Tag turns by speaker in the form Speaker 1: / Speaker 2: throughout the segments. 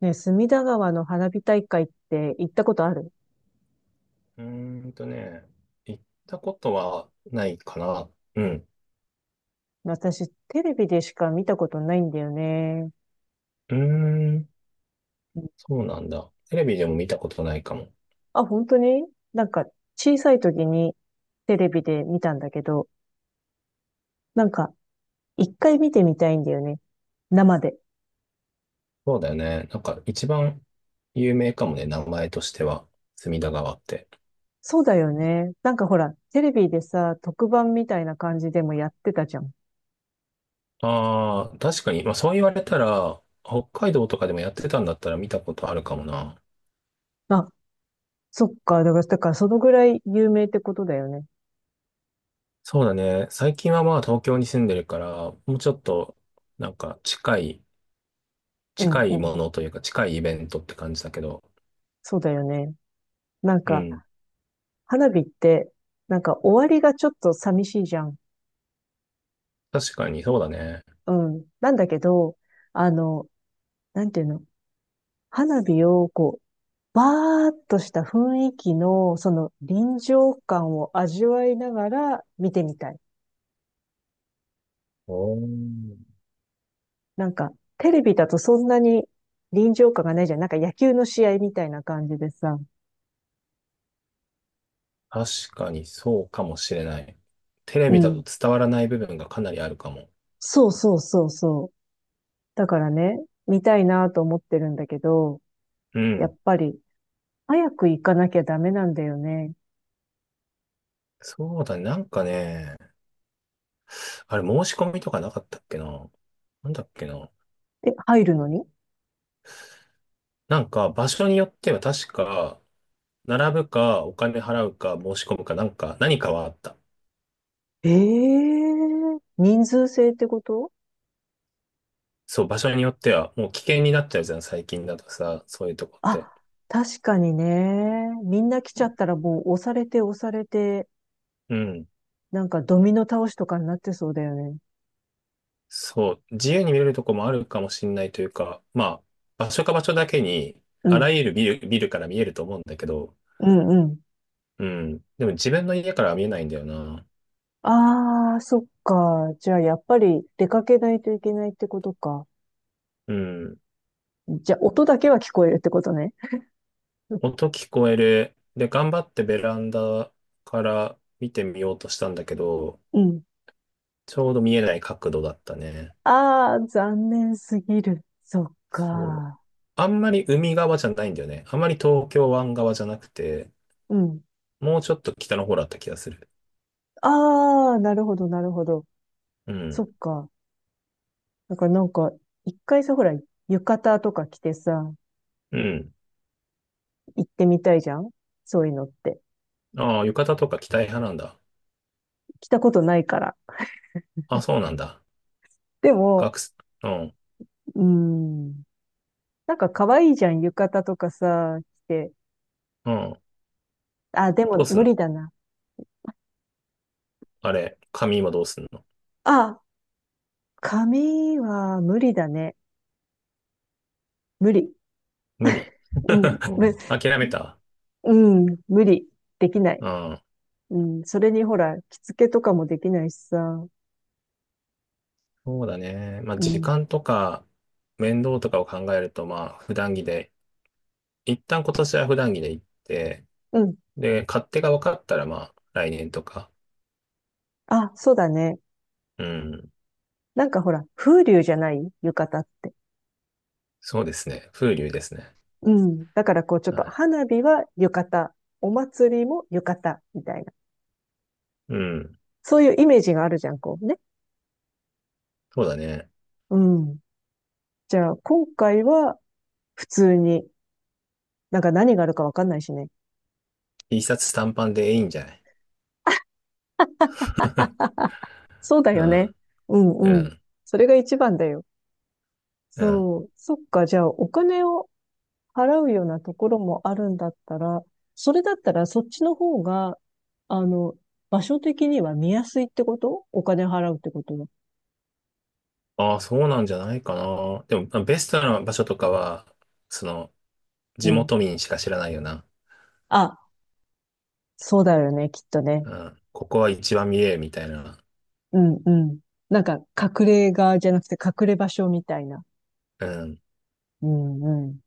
Speaker 1: ね、隅田川の花火大会って行ったことある？
Speaker 2: うーんとね、行ったことはないかな。うん。
Speaker 1: 私、テレビでしか見たことないんだよね。
Speaker 2: うーん、
Speaker 1: うん。
Speaker 2: そうなんだ。テレビでも見たことないかも。
Speaker 1: あ、本当に？なんか、小さい時にテレビで見たんだけど、なんか、一回見てみたいんだよね。生で。
Speaker 2: そうだよね。なんか一番有名かもね、名前としては、隅田川って。
Speaker 1: そうだよね。なんかほら、テレビでさ、特番みたいな感じでもやってたじゃん。
Speaker 2: ああ、確かに。まあそう言われたら、北海道とかでもやってたんだったら見たことあるかもな。
Speaker 1: あ、そっか。だから、だからそのぐらい有名ってことだよね。
Speaker 2: そうだね。最近はまあ東京に住んでるから、もうちょっと、なんか近い、
Speaker 1: うん
Speaker 2: 近
Speaker 1: う
Speaker 2: い
Speaker 1: ん。
Speaker 2: ものというか近いイベントって感じだけど、
Speaker 1: そうだよね。なん
Speaker 2: う
Speaker 1: か、
Speaker 2: ん。
Speaker 1: 花火って、なんか終わりがちょっと寂しいじゃん。
Speaker 2: 確かにそうだね。
Speaker 1: うん。なんだけど、あの、なんていうの、花火をこう、バーっとした雰囲気の、その臨場感を味わいながら見てみたい。
Speaker 2: おー、
Speaker 1: なんか、テレビだとそんなに臨場感がないじゃん。なんか野球の試合みたいな感じでさ。
Speaker 2: 確かにそうかもしれない。テレ
Speaker 1: う
Speaker 2: ビだと
Speaker 1: ん。
Speaker 2: 伝わらない部分がかなりあるかも。
Speaker 1: そうそうそうそう。だからね、見たいなと思ってるんだけど、
Speaker 2: う
Speaker 1: やっ
Speaker 2: ん。
Speaker 1: ぱり、早く行かなきゃダメなんだよね。
Speaker 2: そうだね。なんかね、あれ申し込みとかなかったっけな。なんだっけな。
Speaker 1: え、入るのに？
Speaker 2: なんか場所によっては確か、並ぶかお金払うか申し込むかなんか何かはあった。
Speaker 1: ええー、人数制ってこと？
Speaker 2: そう、場所によってはもう危険になっちゃうじゃん、最近だとさ、そういうとこって。
Speaker 1: あ、確かにね。みんな来ちゃったらもう押されて押されて、
Speaker 2: うん。
Speaker 1: なんかドミノ倒しとかになってそうだよね。
Speaker 2: そう、自由に見れるとこもあるかもしれないというか、まあ、場所か場所だけに、
Speaker 1: う
Speaker 2: あ
Speaker 1: ん。
Speaker 2: らゆるビルから見えると思うんだけど、
Speaker 1: うんうん。
Speaker 2: うん。でも自分の家からは見えないんだよな。
Speaker 1: ああ、そっか。じゃあやっぱり出かけないといけないってことか。
Speaker 2: うん。
Speaker 1: じゃあ音だけは聞こえるってことね。
Speaker 2: 音聞こえる。で、頑張ってベランダから見てみようとしたんだけど、
Speaker 1: うん。
Speaker 2: ちょうど見えない角度だったね。
Speaker 1: ああ、残念すぎる。そっ
Speaker 2: そう。
Speaker 1: か。
Speaker 2: あんまり海側じゃないんだよね。あんまり東京湾側じゃなくて、
Speaker 1: うん。
Speaker 2: もうちょっと北の方だった気がする。
Speaker 1: ああ、なるほど、なるほど。
Speaker 2: う
Speaker 1: そ
Speaker 2: ん。
Speaker 1: っか。だからなんか、一回さ、ほら、浴衣とか着てさ、
Speaker 2: うん。
Speaker 1: 行ってみたいじゃんそういうのって。
Speaker 2: ああ、浴衣とか着たい派なんだ。
Speaker 1: 着たことないから。
Speaker 2: あ、そうなんだ。
Speaker 1: でも、
Speaker 2: 学生、うん、
Speaker 1: うーん、なんか可愛いじゃん、浴衣とかさ、着て。
Speaker 2: うん。
Speaker 1: あ、で
Speaker 2: ど
Speaker 1: も
Speaker 2: うす
Speaker 1: 無
Speaker 2: ん
Speaker 1: 理
Speaker 2: の？
Speaker 1: だな。
Speaker 2: あれ、紙今どうすんの？
Speaker 1: あ、髪は無理だね。無理。
Speaker 2: 無理？
Speaker 1: うん、
Speaker 2: う
Speaker 1: む、
Speaker 2: ん、諦めた？
Speaker 1: うん、無理。できない。
Speaker 2: うん。
Speaker 1: うん、それにほら、着付けとかもできないしさ。
Speaker 2: そうだね。まあ、
Speaker 1: う
Speaker 2: 時
Speaker 1: ん、
Speaker 2: 間とか、面倒とかを考えると、まあ、普段着で、一旦今年は普段着で行って、
Speaker 1: うん。
Speaker 2: で、勝手が分かったら、まあ、来年とか。
Speaker 1: あ、そうだね。
Speaker 2: うん。
Speaker 1: なんかほら、風流じゃない浴衣って。
Speaker 2: そうですね。風流ですね。
Speaker 1: うん。だからこうちょっ
Speaker 2: は
Speaker 1: と
Speaker 2: い。
Speaker 1: 花火は浴衣、お祭りも浴衣みたいな。
Speaker 2: うん。
Speaker 1: そういうイメージがあるじゃん、こうね。
Speaker 2: そうだね。
Speaker 1: うん。じゃあ、今回は普通に、なんか何があるかわかんないしね。
Speaker 2: T シャツ短パンでいいんじゃない？
Speaker 1: そうだ
Speaker 2: う
Speaker 1: よね。
Speaker 2: ん。
Speaker 1: う
Speaker 2: う
Speaker 1: んうん。
Speaker 2: ん。
Speaker 1: それが一番だよ。
Speaker 2: うん。
Speaker 1: そう。そっか。じゃあ、お金を払うようなところもあるんだったら、それだったらそっちの方が、あの、場所的には見やすいってこと？お金払うってことは。
Speaker 2: ああ、そうなんじゃないかな。でも、まあベストな場所とかは、その、
Speaker 1: う
Speaker 2: 地
Speaker 1: ん。
Speaker 2: 元民しか知らないよな。
Speaker 1: あ、そうだよね、きっとね。
Speaker 2: うん。ここは一番見えるみたいな。
Speaker 1: うんうん。なんか、隠れ家じゃなくて隠れ場所みたいな。
Speaker 2: うん。
Speaker 1: うんう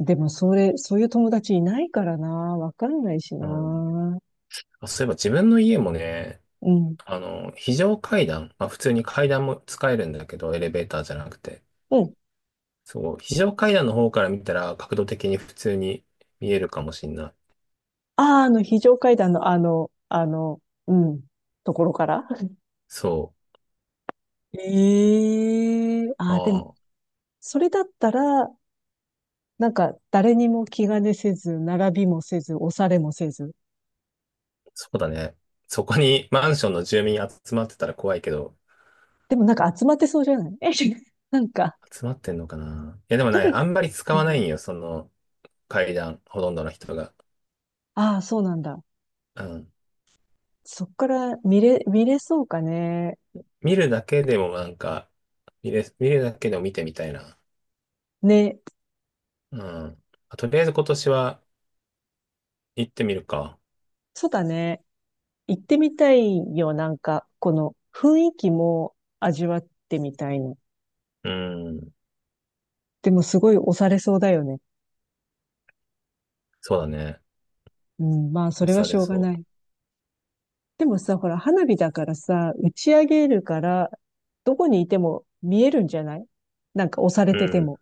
Speaker 1: ん。でも、そういう友達いないからな。わかんないし
Speaker 2: う
Speaker 1: な。
Speaker 2: ん。
Speaker 1: う
Speaker 2: あ、そういえば自分の家もね、
Speaker 1: ん。
Speaker 2: 非常階段、まあ普通に階段も使えるんだけど、エレベーターじゃなくて。
Speaker 1: うん。
Speaker 2: そう、非常階段の方から見たら角度的に普通に見えるかもしんない。
Speaker 1: ああ、あの、非常階段の、うん、ところから。
Speaker 2: そ
Speaker 1: ええ
Speaker 2: う。
Speaker 1: ああ、でも、
Speaker 2: ああ、
Speaker 1: それだったら、なんか、誰にも気兼ねせず、並びもせず、押されもせず。
Speaker 2: そうだね。そこにマンションの住民集まってたら怖いけど、
Speaker 1: でも、なんか集まってそうじゃない？ え、なんか、
Speaker 2: 集まってんのかな。いや、でも
Speaker 1: 一
Speaker 2: ね、
Speaker 1: 人、
Speaker 2: あんまり使
Speaker 1: う
Speaker 2: わない
Speaker 1: ん。
Speaker 2: んよ、その階段、ほとんどの人が。
Speaker 1: ああ、そうなんだ。
Speaker 2: うん。
Speaker 1: そっから見れそうかね。
Speaker 2: 見るだけでもなんか、見るだけでも見てみたいな。
Speaker 1: ね。
Speaker 2: うん。あ、とりあえず今年は行ってみるか。
Speaker 1: そうだね。行ってみたいよ、なんか、この雰囲気も味わってみたいの。
Speaker 2: うん。
Speaker 1: でもすごい押されそうだよね。
Speaker 2: そうだね。
Speaker 1: うん、まあ、それ
Speaker 2: 押
Speaker 1: は
Speaker 2: さ
Speaker 1: し
Speaker 2: れ
Speaker 1: ょうが
Speaker 2: そ
Speaker 1: ない。でもさ、ほら、花火だからさ、打ち上げるから、どこにいても見えるんじゃない？なんか押され
Speaker 2: う。う
Speaker 1: てて
Speaker 2: ん。
Speaker 1: も。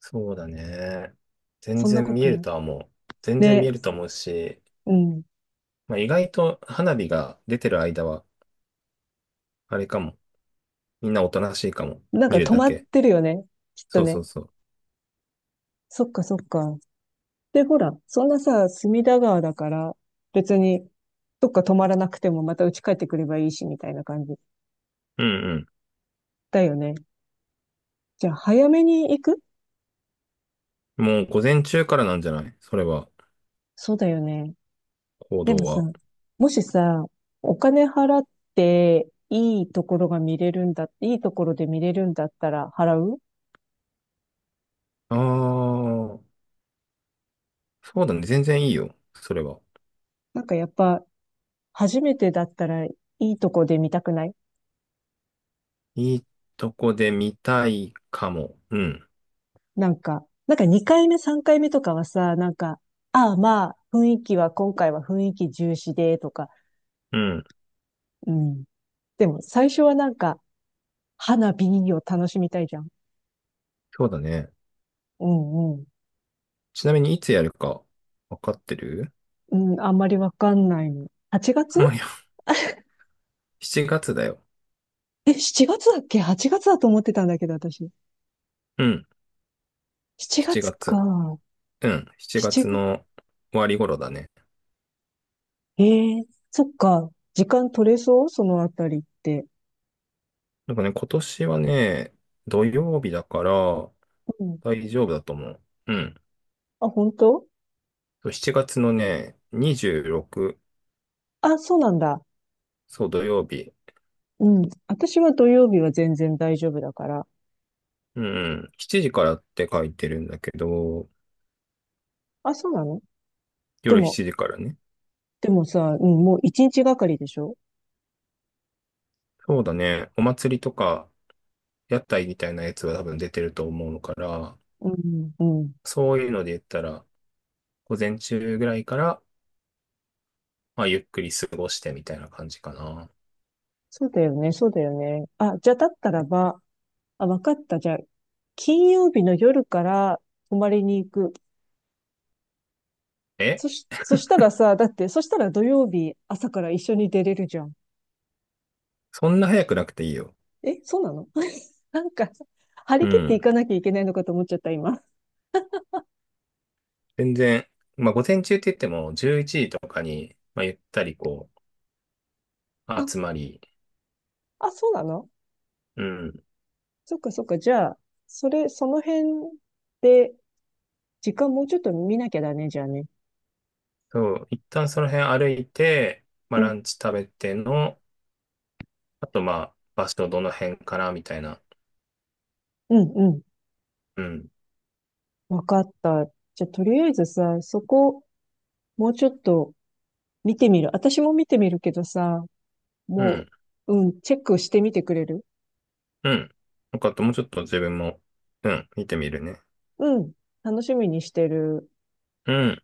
Speaker 2: そうだね。全
Speaker 1: そんな
Speaker 2: 然
Speaker 1: こ
Speaker 2: 見
Speaker 1: と
Speaker 2: える
Speaker 1: ない？
Speaker 2: とは思う。全然見
Speaker 1: ね、
Speaker 2: えると思うし、
Speaker 1: うん。
Speaker 2: まあ、意外と花火が出てる間は、あれかも。みんなおとなしいかも。
Speaker 1: なんか
Speaker 2: 見る
Speaker 1: 止
Speaker 2: だ
Speaker 1: まっ
Speaker 2: け。
Speaker 1: てるよね。きっと
Speaker 2: そうそ
Speaker 1: ね。
Speaker 2: うそう。
Speaker 1: そっかそっか。で、ほら、そんなさ、隅田川だから、別に、どっか止まらなくてもまた家帰ってくればいいし、みたいな感じ
Speaker 2: うん。
Speaker 1: だよね。じゃあ、早めに行く？
Speaker 2: もう午前中からなんじゃない？それは、
Speaker 1: そうだよね。
Speaker 2: 行
Speaker 1: で
Speaker 2: 動
Speaker 1: もさ、
Speaker 2: は。
Speaker 1: もしさ、お金払っていいところが見れるんだ、いいところで見れるんだったら払う。
Speaker 2: ああ、そうだね。全然いいよ。それは。
Speaker 1: なんかやっぱ、初めてだったらいいとこで見たくない？
Speaker 2: いいとこで見たいかも。うん。
Speaker 1: なんか、なんか2回目、3回目とかはさ、なんか、ああまあ、雰囲気は今回は雰囲気重視で、とか、
Speaker 2: うん。
Speaker 1: うん。でも最初はなんか、花火を楽しみたいじゃん。
Speaker 2: そうだね。
Speaker 1: うんうん。
Speaker 2: ちなみにいつやるか、わかってる？
Speaker 1: うん、あんまりわかんないの。8 月
Speaker 2: まあ、いや、7月だよ。
Speaker 1: え、7月だっけ？ 8 月だと思ってたんだけど、私。
Speaker 2: うん。
Speaker 1: 7
Speaker 2: 7
Speaker 1: 月
Speaker 2: 月。
Speaker 1: か。
Speaker 2: うん。7
Speaker 1: 7
Speaker 2: 月
Speaker 1: 月。
Speaker 2: の終わり頃だね。
Speaker 1: ええ、そっか。時間取れそう？そのあたりって。
Speaker 2: なんかね、今年はね、土曜日だから
Speaker 1: うん。
Speaker 2: 大丈夫だと思う。うん。
Speaker 1: あ、本当？
Speaker 2: そう7月のね、26、
Speaker 1: あ、そうなんだ。
Speaker 2: そう、土曜日。
Speaker 1: うん。私は土曜日は全然大丈夫だから。
Speaker 2: うん。7時からって書いてるんだけど、
Speaker 1: あ、そうなの？で
Speaker 2: 夜
Speaker 1: も、
Speaker 2: 7時からね。
Speaker 1: でもさ、うん、もう1日がかりでしょ？
Speaker 2: そうだね。お祭りとか、屋台みたいなやつは多分出てると思うから、
Speaker 1: うん、うん。
Speaker 2: そういうので言ったら、午前中ぐらいから、まあ、ゆっくり過ごしてみたいな感じかな。
Speaker 1: そうだよね、そうだよね。あ、じゃあだったらば、あ、わかった。じゃあ、金曜日の夜から泊まりに行く。
Speaker 2: え、
Speaker 1: そしたらさ、だって、そしたら土曜日朝から一緒に出れるじゃん。
Speaker 2: そんな早くなくていいよ。
Speaker 1: え、そうなの？ なんか、張
Speaker 2: う
Speaker 1: り切ってい
Speaker 2: ん。
Speaker 1: かなきゃいけないのかと思っちゃった、今。
Speaker 2: 全然、まあ、午前中って言っても、11時とかに、まあ、ゆったりこ
Speaker 1: あ、
Speaker 2: う、集まり、
Speaker 1: あ、そうなの？
Speaker 2: うん。
Speaker 1: そっかそっか。じゃあ、それ、その辺で、時間もうちょっと見なきゃだね、じゃあね。
Speaker 2: そう、一旦その辺歩いて、まあ、
Speaker 1: う
Speaker 2: ラ
Speaker 1: ん、
Speaker 2: ンチ食べての、あと、まあ、場所どの辺かな、みたいな。
Speaker 1: うん、うん。
Speaker 2: うん。
Speaker 1: わかった。じゃあ、とりあえずさ、そこ、もうちょっと見てみる。私も見てみるけどさ、
Speaker 2: う
Speaker 1: も
Speaker 2: ん。
Speaker 1: う、うん、チェックしてみてくれる？
Speaker 2: うん。よかった。もうちょっと自分も、うん、見てみるね。
Speaker 1: うん、楽しみにしてる。
Speaker 2: うん。